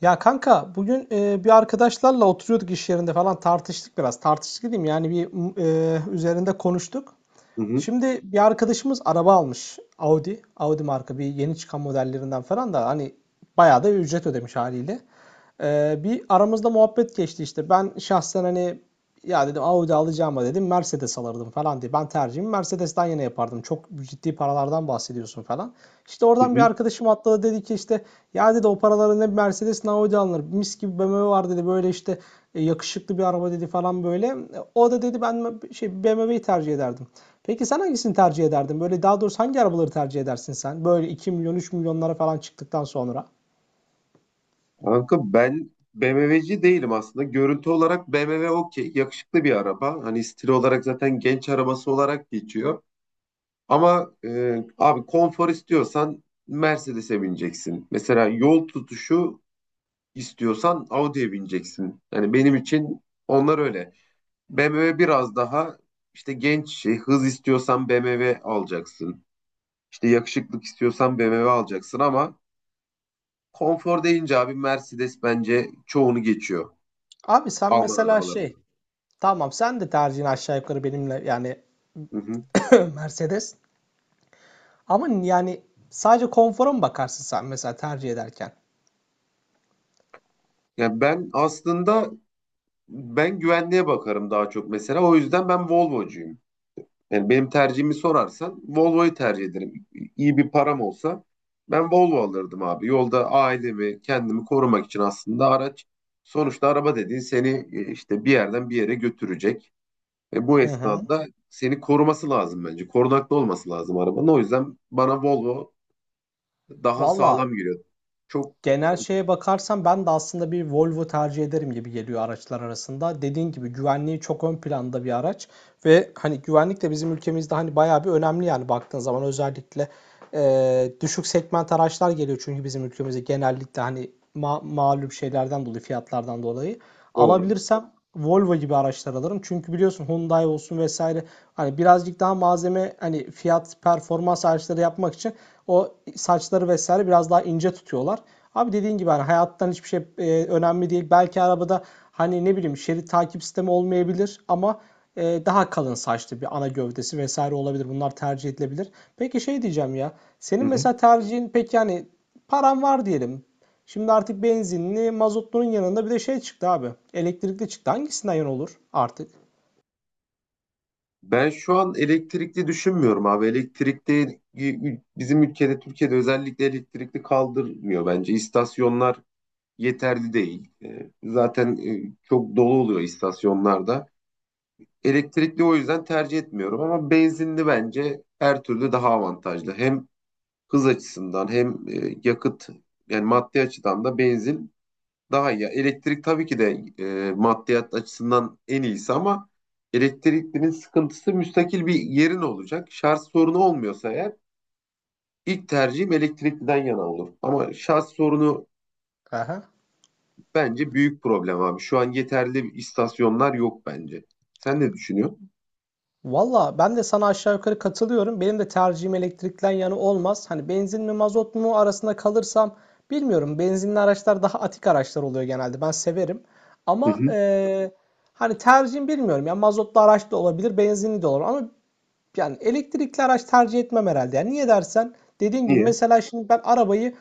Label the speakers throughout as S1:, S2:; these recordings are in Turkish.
S1: Ya kanka bugün bir arkadaşlarla oturuyorduk iş yerinde falan tartıştık biraz. Tartıştık diyeyim yani üzerinde konuştuk.
S2: Hı hı,
S1: Şimdi bir arkadaşımız araba almış. Audi. Audi marka bir yeni çıkan modellerinden falan da hani bayağı da ücret ödemiş haliyle. Bir aramızda muhabbet geçti işte. Ben şahsen hani ya dedim, Audi alacağıma dedim Mercedes alırdım falan diye. Ben tercihimi Mercedes'ten yana yapardım. Çok ciddi paralardan bahsediyorsun falan. İşte
S2: hı
S1: oradan bir
S2: hı.
S1: arkadaşım atladı, dedi ki işte ya dedi o paralara ne Mercedes ne Audi alınır. Mis gibi BMW var dedi böyle işte, yakışıklı bir araba dedi falan böyle. O da dedi ben şey BMW'yi tercih ederdim. Peki sen hangisini tercih ederdin? Böyle daha doğrusu hangi arabaları tercih edersin sen? Böyle 2 milyon 3 milyonlara falan çıktıktan sonra.
S2: Kanka ben BMW'ci değilim aslında. Görüntü olarak BMW okey. Yakışıklı bir araba. Hani stil olarak zaten genç arabası olarak geçiyor. Ama abi konfor istiyorsan Mercedes'e bineceksin. Mesela yol tutuşu istiyorsan Audi'ye bineceksin. Yani benim için onlar öyle. BMW biraz daha işte genç şey, hız istiyorsan BMW alacaksın. İşte yakışıklık istiyorsan BMW alacaksın ama konfor deyince abi Mercedes bence çoğunu geçiyor
S1: Abi sen
S2: Alman
S1: mesela
S2: arabalarında.
S1: şey... Tamam, sen de tercihini aşağı yukarı benimle yani
S2: Hı hı.
S1: Mercedes. Ama yani sadece konfora mı bakarsın sen mesela tercih ederken?
S2: Yani ben aslında ben güvenliğe bakarım daha çok mesela. O yüzden ben Volvo'cuyum. Yani benim tercihimi sorarsan Volvo'yu tercih ederim. İyi bir param olsa ben Volvo alırdım abi. Yolda ailemi, kendimi korumak için aslında araç sonuçta araba dediğin seni işte bir yerden bir yere götürecek. Ve bu
S1: Hı hı.
S2: esnada seni koruması lazım bence. Korunaklı olması lazım arabanın. O yüzden bana Volvo daha
S1: Valla
S2: sağlam giriyor. Çok
S1: genel şeye bakarsam ben de aslında bir Volvo tercih ederim gibi geliyor araçlar arasında. Dediğin gibi güvenliği çok ön planda bir araç. Ve hani güvenlik de bizim ülkemizde hani bayağı bir önemli, yani baktığın zaman özellikle düşük segment araçlar geliyor çünkü bizim ülkemize genellikle hani malum şeylerden dolayı, fiyatlardan dolayı.
S2: doğru.
S1: Alabilirsem Volvo gibi araçlar alırım. Çünkü biliyorsun Hyundai olsun vesaire hani birazcık daha malzeme, hani fiyat performans araçları yapmak için o saçları vesaire biraz daha ince tutuyorlar. Abi dediğin gibi hani hayattan hiçbir şey önemli değil. Belki arabada hani ne bileyim şerit takip sistemi olmayabilir ama daha kalın saçlı bir ana gövdesi vesaire olabilir. Bunlar tercih edilebilir. Peki şey diyeceğim ya.
S2: Hı
S1: Senin
S2: hı.
S1: mesela tercihin pek yani, paran var diyelim. Şimdi artık benzinli, mazotlunun yanında bir de şey çıktı abi. Elektrikli çıktı. Hangisinden yan olur artık?
S2: Ben şu an elektrikli düşünmüyorum abi. Elektrikli bizim ülkede, Türkiye'de özellikle elektrikli kaldırmıyor bence. İstasyonlar yeterli değil. Zaten çok dolu oluyor istasyonlarda. Elektrikli o yüzden tercih etmiyorum ama benzinli bence her türlü daha avantajlı. Hem hız açısından hem yakıt yani maddi açıdan da benzin daha iyi. Elektrik tabii ki de maddiyat açısından en iyisi ama elektriklinin sıkıntısı müstakil bir yerin olacak. Şarj sorunu olmuyorsa eğer ilk tercihim elektrikliden yana olur. Ama şarj sorunu
S1: Aha.
S2: bence büyük problem abi. Şu an yeterli istasyonlar yok bence. Sen ne düşünüyorsun?
S1: Valla ben de sana aşağı yukarı katılıyorum. Benim de tercihim elektrikten yana olmaz. Hani benzin mi mazot mu arasında kalırsam bilmiyorum. Benzinli araçlar daha atik araçlar oluyor genelde. Ben severim.
S2: Hı
S1: Ama
S2: hı.
S1: hani tercihim bilmiyorum. Yani mazotlu araç da olabilir, benzinli de olur. Ama yani elektrikli araç tercih etmem herhalde. Yani niye dersen, dediğin gibi
S2: Niye?
S1: mesela şimdi ben arabayı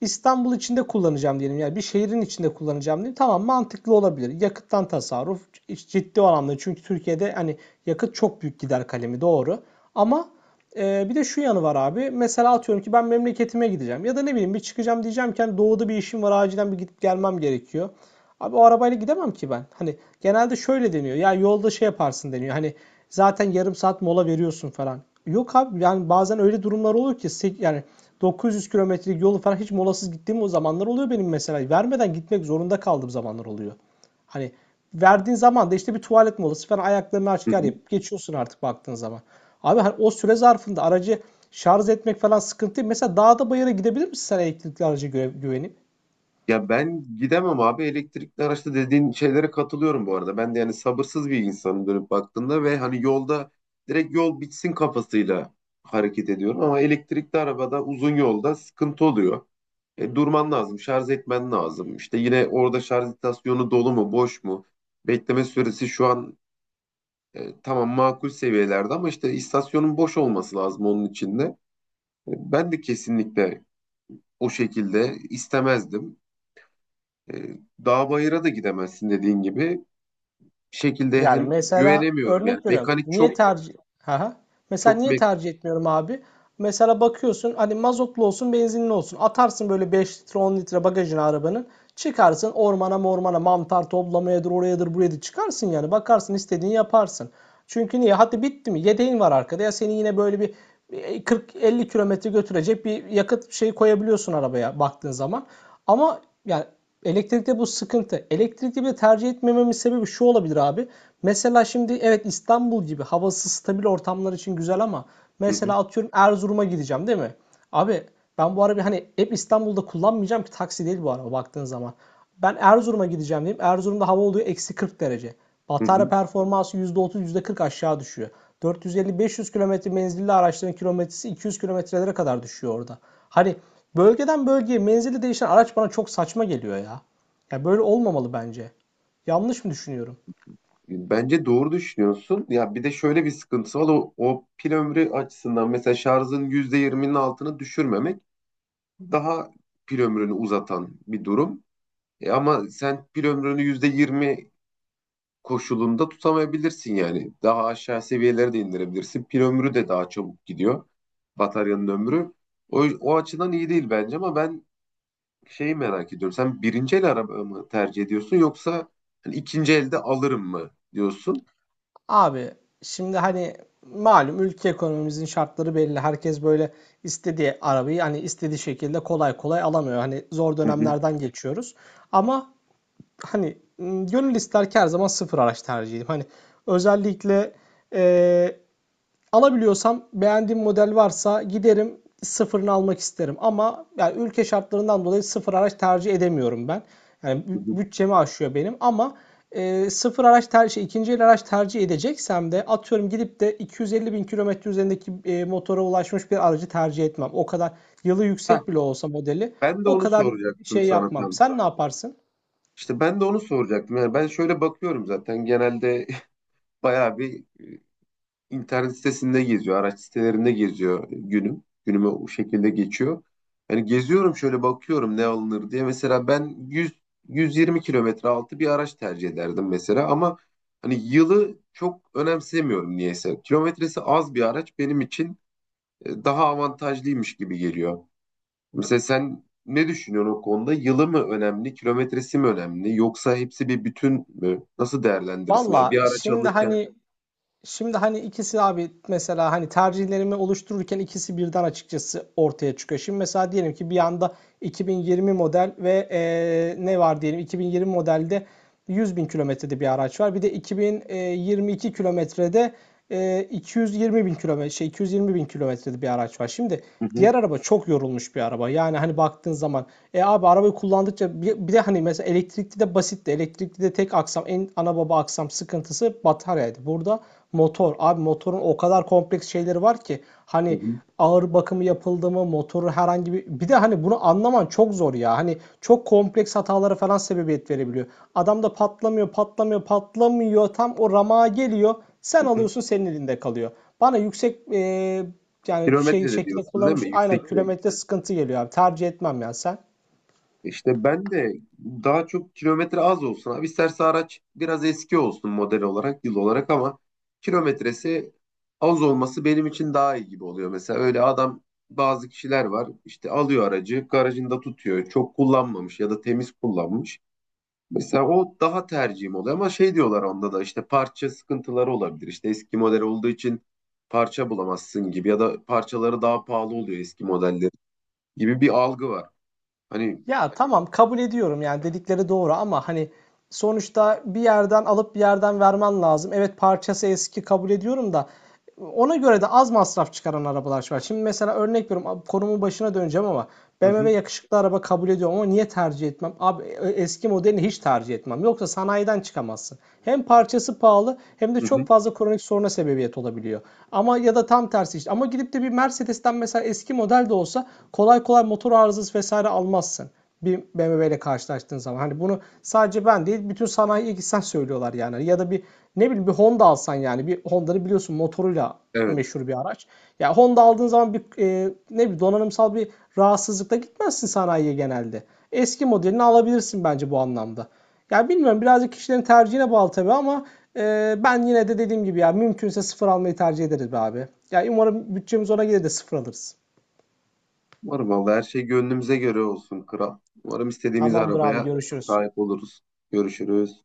S1: İstanbul içinde kullanacağım diyelim. Yani bir şehrin içinde kullanacağım diyelim. Tamam, mantıklı olabilir. Yakıttan tasarruf ciddi anlamda. Çünkü Türkiye'de hani yakıt çok büyük gider kalemi, doğru. Ama bir de şu yanı var abi. Mesela atıyorum ki ben memleketime gideceğim. Ya da ne bileyim bir çıkacağım, diyeceğim ki hani doğuda bir işim var, acilen bir gidip gelmem gerekiyor. Abi o arabayla gidemem ki ben. Hani genelde şöyle deniyor. Ya yolda şey yaparsın deniyor. Hani zaten yarım saat mola veriyorsun falan. Yok abi yani bazen öyle durumlar oluyor ki yani 900 kilometrelik yolu falan hiç molasız gittiğim o zamanlar oluyor benim mesela. Vermeden gitmek zorunda kaldığım zamanlar oluyor. Hani verdiğin zaman da işte bir tuvalet molası falan, ayaklarını
S2: Hı
S1: açık
S2: hı.
S1: yapıp geçiyorsun artık baktığın zaman. Abi hani o süre zarfında aracı şarj etmek falan sıkıntı değil. Mesela dağda bayıra gidebilir misin sen elektrikli araca güvenip?
S2: Ya ben gidemem abi elektrikli araçta dediğin şeylere katılıyorum bu arada. Ben de yani sabırsız bir insanım dönüp baktığımda ve hani yolda direkt yol bitsin kafasıyla hareket ediyorum. Ama elektrikli arabada uzun yolda sıkıntı oluyor. Durman lazım, şarj etmen lazım. İşte yine orada şarj istasyonu dolu mu, boş mu? Bekleme süresi şu an tamam makul seviyelerde ama işte istasyonun boş olması lazım onun içinde. Ben de kesinlikle o şekilde istemezdim. E, Dağ bayıra da gidemezsin dediğin gibi. Bir şekilde
S1: Yani
S2: hem
S1: mesela
S2: güvenemiyorum yani.
S1: örnek veriyorum.
S2: Mekanik
S1: Niye
S2: çok
S1: tercih... Haha. Mesela
S2: çok
S1: niye tercih etmiyorum abi? Mesela bakıyorsun hani mazotlu olsun benzinli olsun. Atarsın böyle 5 litre 10 litre bagajına arabanın. Çıkarsın ormana mormana, mantar toplamayadır, orayadır buraya da çıkarsın yani. Bakarsın istediğini yaparsın. Çünkü niye? Hadi bitti mi? Yedeğin var arkada, ya seni yine böyle bir 40-50 kilometre götürecek bir yakıt şeyi koyabiliyorsun arabaya baktığın zaman. Ama yani elektrikte bu sıkıntı. Elektrikli bir tercih etmememin sebebi şu olabilir abi. Mesela şimdi evet, İstanbul gibi havası stabil ortamlar için güzel ama
S2: hı hı,
S1: mesela atıyorum Erzurum'a gideceğim değil mi? Abi ben bu arabayı hani hep İstanbul'da kullanmayacağım ki, taksi değil bu araba baktığın zaman. Ben Erzurum'a gideceğim diyeyim. Erzurum'da hava oluyor eksi 40 derece.
S2: hı
S1: Batarya
S2: hı.
S1: performansı %30 yüzde kırk aşağı düşüyor. 450-500 kilometre menzilli araçların kilometresi 200 kilometrelere kadar düşüyor orada. Hani bölgeden bölgeye menzili değişen araç bana çok saçma geliyor ya. Ya böyle olmamalı bence. Yanlış mı düşünüyorum?
S2: Bence doğru düşünüyorsun. Ya bir de şöyle bir sıkıntısı var. O pil ömrü açısından mesela şarjın %20'nin altını düşürmemek daha pil ömrünü uzatan bir durum. Ama sen pil ömrünü %20 koşulunda tutamayabilirsin yani. Daha aşağı seviyelere de indirebilirsin. Pil ömrü de daha çabuk gidiyor. Bataryanın ömrü. O açıdan iyi değil bence ama ben şeyi merak ediyorum. Sen birinci el araba mı tercih ediyorsun yoksa hani ikinci elde alırım mı diyorsun?
S1: Abi şimdi hani malum, ülke ekonomimizin şartları belli. Herkes böyle istediği arabayı hani istediği şekilde kolay kolay alamıyor. Hani zor
S2: Hı hı,
S1: dönemlerden geçiyoruz. Ama hani, gönül ister ki her zaman sıfır araç tercih edeyim. Hani, özellikle, eee, alabiliyorsam, beğendiğim model varsa giderim sıfırını almak isterim ama yani ülke şartlarından dolayı sıfır araç tercih edemiyorum ben. Yani
S2: hı hı.
S1: bütçemi aşıyor benim ama, sıfır araç tercih, şey, el araç tercih edeceksem de atıyorum gidip de 250 bin kilometre üzerindeki, motora ulaşmış bir aracı tercih etmem. O kadar yılı
S2: Heh,
S1: yüksek bile olsa modeli
S2: ben de
S1: o
S2: onu
S1: kadar
S2: soracaktım
S1: şey
S2: sana
S1: yapmam.
S2: tam.
S1: Sen ne yaparsın?
S2: İşte ben de onu soracaktım. Yani ben şöyle bakıyorum zaten genelde bayağı bir internet sitesinde geziyor, araç sitelerinde geziyor günüm. Günüme o şekilde geçiyor. Hani geziyorum şöyle bakıyorum ne alınır diye. Mesela ben 100 120 kilometre altı bir araç tercih ederdim mesela ama hani yılı çok önemsemiyorum niyeyse. Kilometresi az bir araç benim için daha avantajlıymış gibi geliyor. Mesela sen ne düşünüyorsun o konuda? Yılı mı önemli, kilometresi mi önemli yoksa hepsi bir bütün mü? Nasıl değerlendirirsin? Yani bir
S1: Valla
S2: araç
S1: şimdi
S2: alırken.
S1: hani şimdi hani ikisi abi, mesela hani tercihlerimi oluştururken ikisi birden açıkçası ortaya çıkıyor. Şimdi mesela diyelim ki bir anda 2020 model ve ne var diyelim 2020 modelde 100 bin kilometrede bir araç var. Bir de 2022 kilometrede 220 bin kilometre, şey, 220 bin kilometrede bir araç var. Şimdi
S2: Hı hı,
S1: diğer araba çok yorulmuş bir araba. Yani hani baktığın zaman abi, arabayı kullandıkça, bir de hani mesela elektrikli de basitti. Elektrikli de tek aksam, en ana baba aksam sıkıntısı bataryaydı. Burada motor. Abi motorun o kadar kompleks şeyleri var ki,
S2: hı
S1: hani
S2: hı,
S1: ağır bakımı yapıldı mı motoru herhangi bir, bir de hani bunu anlaman çok zor ya. Hani çok kompleks hatalara falan sebebiyet verebiliyor. Adam da patlamıyor, patlamıyor, patlamıyor. Tam o ramağa geliyor. Sen
S2: hı hı.
S1: alıyorsun, senin elinde kalıyor. Bana yüksek yani şey
S2: Kilometrede
S1: şekilde
S2: diyorsun değil
S1: kullanmış,
S2: mi?
S1: aynen
S2: Yüksek kilometre.
S1: kilometre sıkıntı geliyor abi. Tercih etmem ya sen.
S2: İşte ben de daha çok kilometre az olsun. Abi isterse araç biraz eski olsun model olarak, yıl olarak ama kilometresi az olması benim için daha iyi gibi oluyor. Mesela öyle bazı kişiler var işte alıyor aracı garajında tutuyor. Çok kullanmamış ya da temiz kullanmış. Mesela o daha tercihim oluyor ama şey diyorlar onda da işte parça sıkıntıları olabilir. İşte eski model olduğu için parça bulamazsın gibi ya da parçaları daha pahalı oluyor eski modelleri gibi bir algı var. Hani
S1: Ya tamam, kabul ediyorum yani dedikleri doğru ama hani sonuçta bir yerden alıp bir yerden vermen lazım. Evet parçası eski, kabul ediyorum da ona göre de az masraf çıkaran arabalar var. Şimdi mesela örnek veriyorum, konumun başına döneceğim ama
S2: hı
S1: BMW
S2: hı,
S1: yakışıklı araba kabul ediyorum ama niye tercih etmem? Abi eski modelini hiç tercih etmem. Yoksa sanayiden çıkamazsın. Hem parçası pahalı hem de
S2: hı
S1: çok
S2: hı,
S1: fazla kronik soruna sebebiyet olabiliyor. Ama ya da tam tersi işte. Ama gidip de bir Mercedes'ten mesela eski model de olsa kolay kolay motor arızası vesaire almazsın bir BMW ile karşılaştığın zaman. Hani bunu sadece ben değil, bütün sanayiye gitsen söylüyorlar yani. Hani ya da bir ne bileyim bir Honda alsan yani. Bir Honda'nın biliyorsun motoruyla
S2: evet.
S1: meşhur bir araç. Ya yani Honda aldığın zaman bir ne bileyim donanımsal bir rahatsızlıkla gitmezsin sanayiye genelde. Eski modelini alabilirsin bence bu anlamda. Ya bilmiyorum, birazcık kişilerin tercihine bağlı tabii ama ben yine de dediğim gibi ya mümkünse sıfır almayı tercih ederiz be abi. Ya yani umarım bütçemiz ona gelir de sıfır alırız.
S2: Umarım vallahi her şey gönlümüze göre olsun kral. Umarım istediğimiz
S1: Tamamdır abi,
S2: arabaya
S1: görüşürüz.
S2: sahip oluruz. Görüşürüz.